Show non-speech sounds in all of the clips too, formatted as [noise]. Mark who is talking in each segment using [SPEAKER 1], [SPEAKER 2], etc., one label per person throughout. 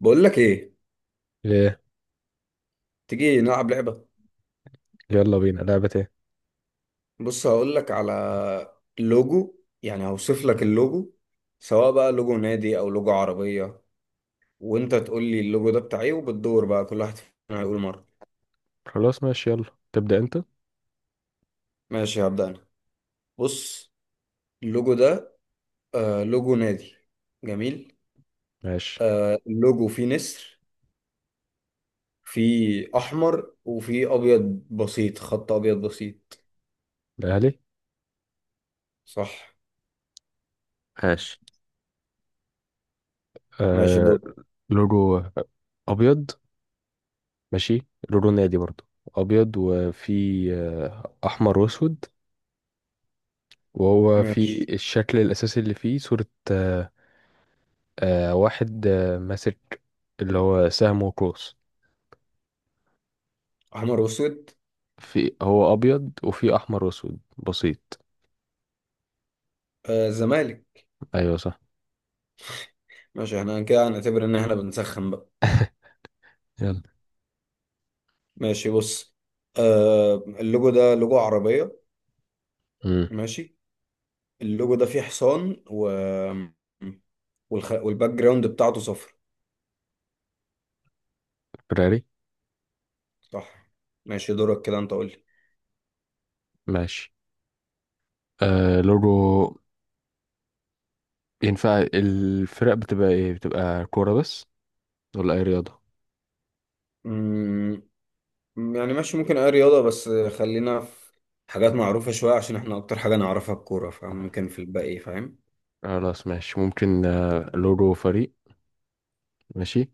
[SPEAKER 1] بقول لك ايه؟
[SPEAKER 2] ايه.
[SPEAKER 1] تيجي نلعب لعبة.
[SPEAKER 2] يلا بينا، لعبة ايه؟
[SPEAKER 1] بص هقول لك على لوجو، يعني هوصف لك اللوجو، سواء بقى لوجو نادي او لوجو عربية، وانت تقول لي اللوجو ده بتاع ايه. وبتدور بقى كل واحد فينا هيقول مرة.
[SPEAKER 2] خلاص ماشي، يلا. تبدأ انت.
[SPEAKER 1] ماشي هبدأ انا. بص اللوجو ده، لوجو نادي جميل.
[SPEAKER 2] ماشي.
[SPEAKER 1] اللوجو فيه نسر، فيه احمر وفيه ابيض بسيط، خط ابيض بسيط.
[SPEAKER 2] الاهلي.
[SPEAKER 1] صح.
[SPEAKER 2] ماشي.
[SPEAKER 1] ماشي
[SPEAKER 2] آه
[SPEAKER 1] دور.
[SPEAKER 2] لوجو ابيض. ماشي، لوجو نادي برضو. ابيض، وفي احمر واسود، وهو في
[SPEAKER 1] ماشي.
[SPEAKER 2] الشكل الاساسي اللي فيه صورة. آه واحد ماسك، اللي هو سهم وقوس.
[SPEAKER 1] احمر واسود.
[SPEAKER 2] في هو ابيض، وفي احمر واسود بسيط.
[SPEAKER 1] آه، زمالك.
[SPEAKER 2] ايوه صح.
[SPEAKER 1] ماشي، احنا كده هنعتبر ان احنا بنسخن بقى.
[SPEAKER 2] يلا.
[SPEAKER 1] ماشي بص. اللوجو ده لوجو عربية.
[SPEAKER 2] امم
[SPEAKER 1] ماشي. اللوجو ده فيه حصان والباك جراوند بتاعته صفر.
[SPEAKER 2] فراري.
[SPEAKER 1] صح. ماشي، دورك كده، انت قول لي.
[SPEAKER 2] ماشي. لوجو. ينفع الفرق بتبقى ايه؟ بتبقى كورة بس ولا اي رياضة؟
[SPEAKER 1] مم، يعني ماشي، ممكن اي رياضة، بس خلينا في حاجات معروفة شوية، عشان احنا اكتر حاجة نعرفها الكورة،
[SPEAKER 2] آه،
[SPEAKER 1] فممكن في الباقي. فاهم؟
[SPEAKER 2] خلاص ماشي، ممكن لورو فريق. ماشي.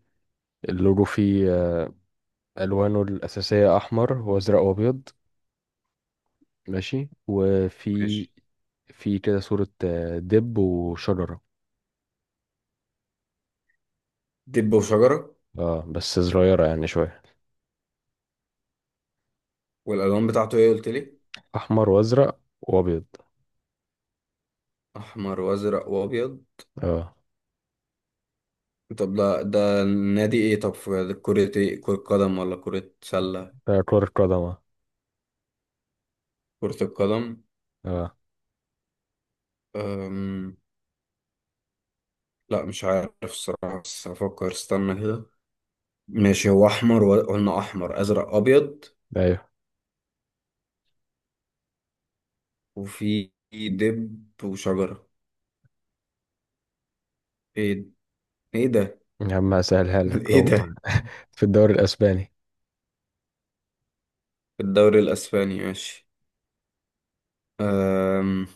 [SPEAKER 2] اللورو فيه، ألوانه الأساسية أحمر وأزرق وأبيض. ماشي وفي
[SPEAKER 1] ماشي.
[SPEAKER 2] في كده صورة دب وشجرة.
[SPEAKER 1] دب وشجرة.
[SPEAKER 2] اه، بس صغيرة يعني شوية.
[SPEAKER 1] والالوان بتاعته ايه قلت لي؟
[SPEAKER 2] أحمر وأزرق وأبيض.
[SPEAKER 1] احمر وازرق وابيض.
[SPEAKER 2] اه.
[SPEAKER 1] طب ده النادي ايه؟ طب في كرة ايه، كرة قدم ولا كرة سلة؟
[SPEAKER 2] كرة قدم، اه.
[SPEAKER 1] كرة القدم.
[SPEAKER 2] آه.
[SPEAKER 1] أم... لا مش عارف الصراحة، بس هفكر، استنى كده. ماشي، هو أحمر قلنا أحمر أزرق أبيض.
[SPEAKER 2] أيوه.
[SPEAKER 1] وفي دب وشجرة. ايه؟ ايه ده؟
[SPEAKER 2] يا عم هسهلها
[SPEAKER 1] [laughs]
[SPEAKER 2] لك،
[SPEAKER 1] ايه
[SPEAKER 2] هو
[SPEAKER 1] ده؟
[SPEAKER 2] في الدوري الأسباني.
[SPEAKER 1] في الدوري الأسباني؟ ماشي. أم...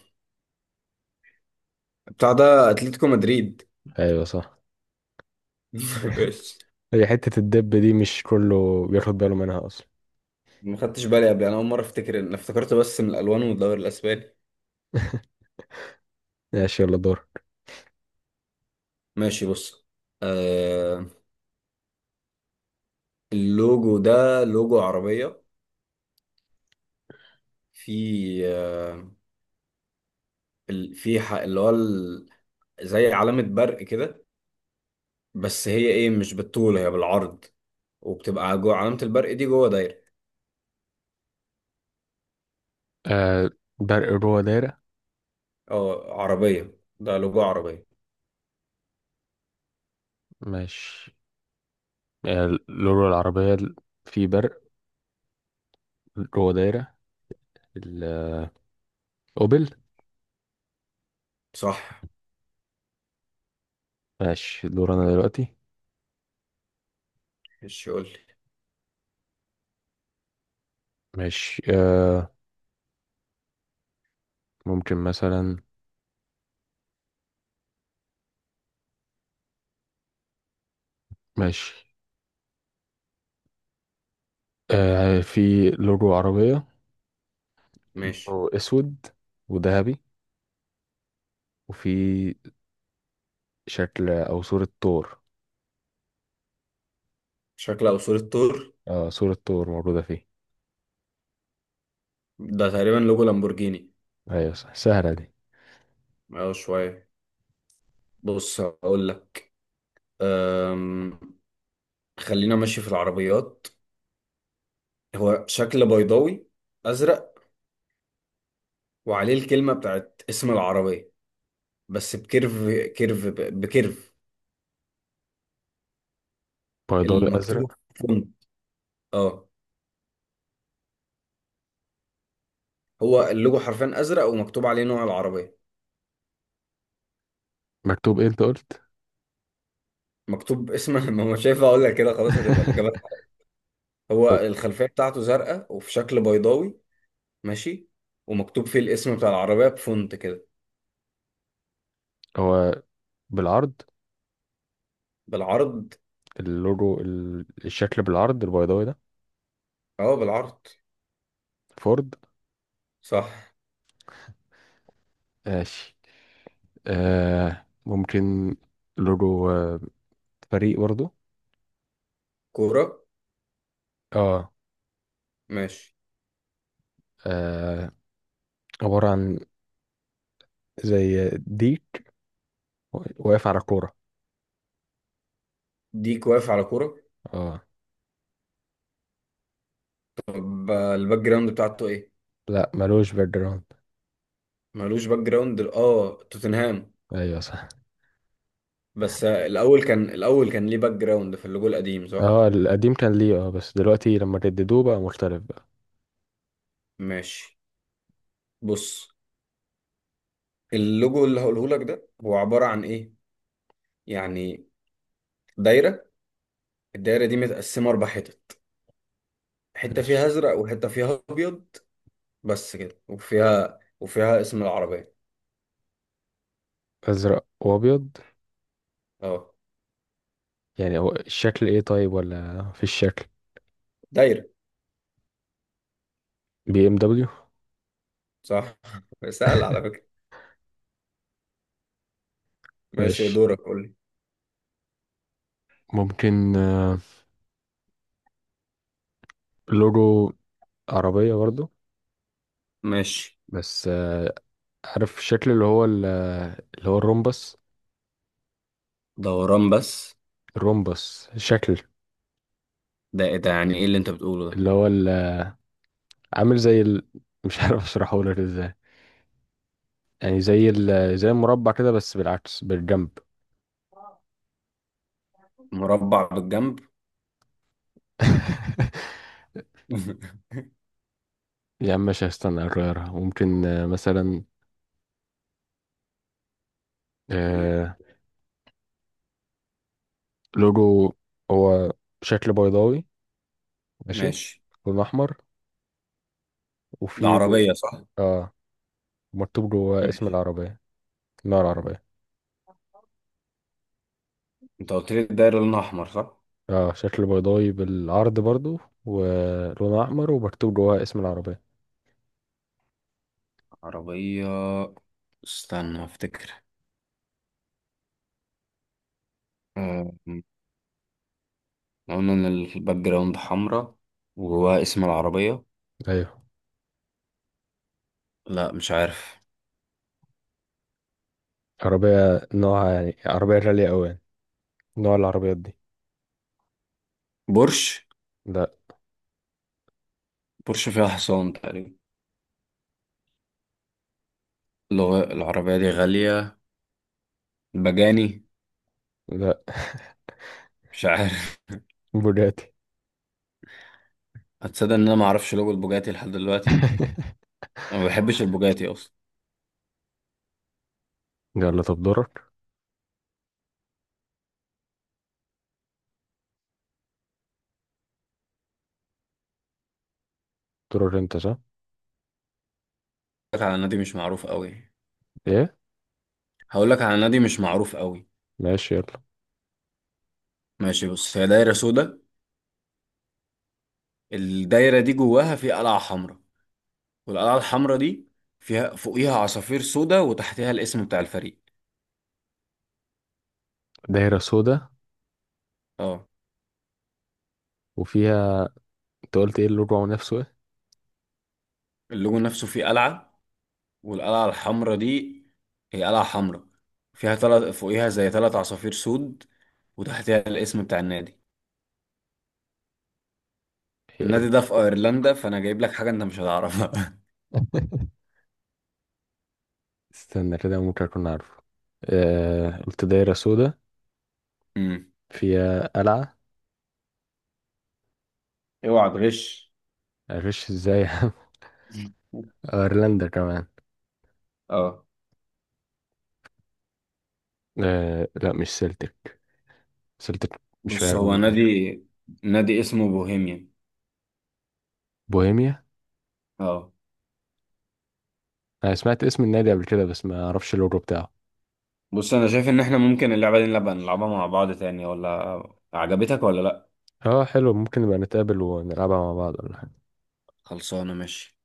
[SPEAKER 1] بتاع ده أتلتيكو مدريد.
[SPEAKER 2] أيوه صح.
[SPEAKER 1] [laughs] ماشي.
[SPEAKER 2] هي حتة الدب دي مش كله بياخد باله منها أصلا.
[SPEAKER 1] ما خدتش بالي قبل، أنا أول مرة أفتكر، إن افتكرت بس من الألوان والدوري الأسباني.
[SPEAKER 2] ماشي، يلا دور.
[SPEAKER 1] ماشي بص. آه، اللوجو ده لوجو عربية. في ال- في ح- اللي هو ال- زي علامة برق كده، بس هي ايه، مش بالطول، هي بالعرض. وبتبقى جوه علامة البرق دي جوه دايرة.
[SPEAKER 2] آه برق جوه دايرة.
[SPEAKER 1] اه عربية، ده لوجو عربية.
[SPEAKER 2] مش، لورا العربية، في برق جوه دايرة، الأوبل.
[SPEAKER 1] صح.
[SPEAKER 2] ماشي، دور أنا دلوقتي.
[SPEAKER 1] مش يقول لي.
[SPEAKER 2] ماشي ممكن مثلا. ماشي. في لورو عربية،
[SPEAKER 1] ماشي.
[SPEAKER 2] لونه أسود وذهبي، وفي شكل أو صورة طور.
[SPEAKER 1] شكل او صورة طور.
[SPEAKER 2] صورة طور موجودة فيه.
[SPEAKER 1] ده تقريبا لوجو لامبورجيني.
[SPEAKER 2] أيوة صح. سهلة دي.
[SPEAKER 1] اه شوية. بص هقول لك. أم، خلينا ماشي في العربيات. هو شكل بيضاوي ازرق، وعليه الكلمة بتاعت اسم العربية، بس بكيرف. كيرف بكيرف
[SPEAKER 2] بيضاوي
[SPEAKER 1] المكتوب.
[SPEAKER 2] أزرق.
[SPEAKER 1] فونت. اه. هو اللوجو حرفيا ازرق ومكتوب عليه نوع العربيه.
[SPEAKER 2] مكتوب إيه أنت قلت؟
[SPEAKER 1] مكتوب اسمها. [laughs] ما هو شايف، اقول لك كده خلاص هتبقى الاجابه
[SPEAKER 2] [laughs]
[SPEAKER 1] الحرام. هو
[SPEAKER 2] أه،
[SPEAKER 1] الخلفيه بتاعته زرقاء وفي شكل بيضاوي. ماشي. ومكتوب فيه الاسم بتاع العربيه بفونت كده.
[SPEAKER 2] هو بالعرض.
[SPEAKER 1] بالعرض.
[SPEAKER 2] اللوجو الشكل بالعرض البيضاوي ده.
[SPEAKER 1] اه بالعرض.
[SPEAKER 2] فورد.
[SPEAKER 1] صح.
[SPEAKER 2] ماشي ممكن لوجو، فريق برضو.
[SPEAKER 1] كوره.
[SPEAKER 2] اه.
[SPEAKER 1] ماشي.
[SPEAKER 2] آه، عبارة عن زي ديك واقف على كورة.
[SPEAKER 1] ديك واقف على كوره.
[SPEAKER 2] اه.
[SPEAKER 1] طب الباك جراوند بتاعته ايه؟
[SPEAKER 2] لا، ملوش باك جراوند.
[SPEAKER 1] مالوش باك جراوند. اه توتنهام.
[SPEAKER 2] ايوه صح.
[SPEAKER 1] بس الاول كان ليه باك جراوند في اللوجو القديم صح؟
[SPEAKER 2] اه، القديم كان ليه، اه بس دلوقتي لما جددوه بقى مختلف بقى.
[SPEAKER 1] ماشي بص. اللوجو اللي هقوله لك ده هو عبارة عن ايه؟ يعني دايرة. الدايرة دي متقسمة 4 حتت، حتة
[SPEAKER 2] ماشي.
[SPEAKER 1] فيها ازرق وحتة فيها ابيض. بس كده. وفيها اسم العربية.
[SPEAKER 2] ازرق وابيض.
[SPEAKER 1] اه
[SPEAKER 2] يعني هو الشكل ايه طيب؟ ولا في الشكل.
[SPEAKER 1] دايرة.
[SPEAKER 2] بي ام دبليو.
[SPEAKER 1] صح. [laughs] سهل على فكرة. ماشي
[SPEAKER 2] ماشي،
[SPEAKER 1] دورك، قول لي.
[SPEAKER 2] ممكن لوجو عربية برضو،
[SPEAKER 1] ماشي.
[SPEAKER 2] بس عارف الشكل اللي هو الرومبس.
[SPEAKER 1] دوران بس.
[SPEAKER 2] الرومبس الشكل.
[SPEAKER 1] ده ايه ده؟ يعني ايه اللي انت بتقوله ده؟
[SPEAKER 2] اللي هو عامل مش عارف اشرحه لك ازاي. يعني زي المربع كده بس بالعكس، بالجنب.
[SPEAKER 1] مربع بالجنب.
[SPEAKER 2] [laughs]
[SPEAKER 1] [laughs]
[SPEAKER 2] يا عم ماشي، هستنى اغيرها. ممكن مثلا آه، لوجو هو شكل بيضاوي. ماشي.
[SPEAKER 1] ماشي.
[SPEAKER 2] لون احمر،
[SPEAKER 1] ده
[SPEAKER 2] وفي
[SPEAKER 1] عربية صح.
[SPEAKER 2] اه، مكتوب جواه اسم
[SPEAKER 1] ماشي.
[SPEAKER 2] العربية. نوع العربية.
[SPEAKER 1] انت قلت لي الدايرة لونها احمر صح؟
[SPEAKER 2] اه، شكل بيضاوي بالعرض برضو، ولونها احمر ومكتوب جواها اسم العربيه.
[SPEAKER 1] عربية. استنى افتكر. آه، قلنا ان الباك جراوند حمرا، وجواها اسم العربية.
[SPEAKER 2] ايوه،
[SPEAKER 1] لا مش عارف.
[SPEAKER 2] عربيه، نوعها يعني عربيه غاليه قوي يعني. نوع العربيات دي.
[SPEAKER 1] بورش.
[SPEAKER 2] لا.
[SPEAKER 1] بورش فيها حصان تقريبا. لو العربية دي غالية، بجاني.
[SPEAKER 2] لا،
[SPEAKER 1] مش عارف.
[SPEAKER 2] بوجاتي.
[SPEAKER 1] [laughs] هتصدق ان انا معرفش لوجو البوجاتي لحد دلوقتي.
[SPEAKER 2] [laughs]
[SPEAKER 1] انا ما بحبش البوجاتي اصلا.
[SPEAKER 2] يلا طب دورك. دورك انت صح.
[SPEAKER 1] هقولك على نادي مش معروف قوي.
[SPEAKER 2] ايه.
[SPEAKER 1] هقول لك على نادي مش معروف قوي.
[SPEAKER 2] ماشي يلا.
[SPEAKER 1] ماشي بص، هي دايرة سودا. الدايرة دي جواها في قلعة حمراء. والقلعة الحمراء دي فيها فوقيها عصافير سودا وتحتها الاسم بتاع الفريق.
[SPEAKER 2] دايره سودا،
[SPEAKER 1] اه.
[SPEAKER 2] وفيها، انت قلت ايه اللوجو نفسه ايه؟
[SPEAKER 1] اللوجو نفسه فيه قلعة. والقلعة الحمراء دي هي قلعة حمراء، فيها تلت فوقيها زي تلت عصافير سود وتحتها الاسم بتاع النادي.
[SPEAKER 2] هي إيه؟
[SPEAKER 1] النادي ده في ايرلندا، فانا جايب لك حاجة انت مش هتعرفها. [laughs]
[SPEAKER 2] [laughs] استنى كده، ممكن اكون عارفه. قلت دايره سودا،
[SPEAKER 1] امم
[SPEAKER 2] فيها قلعه.
[SPEAKER 1] اوعى تغش.
[SPEAKER 2] معرفش ازاي. [laughs] ايرلندا كمان.
[SPEAKER 1] اه
[SPEAKER 2] لا، مش سلتك. سيلتيك مش
[SPEAKER 1] بص، هو
[SPEAKER 2] فايرلاند.
[SPEAKER 1] نادي نادي اسمه بوهيميان.
[SPEAKER 2] بوهيميا.
[SPEAKER 1] اه.
[SPEAKER 2] انا سمعت اسم النادي قبل كده، بس ما اعرفش اللوجو بتاعه.
[SPEAKER 1] بص، انا شايف ان احنا ممكن اللعبة دي نلعبها مع بعض تاني، ولا عجبتك ولا لا؟
[SPEAKER 2] اه حلو، ممكن نبقى نتقابل ونلعبها مع بعض ولا حاجة.
[SPEAKER 1] خلصانة ماشي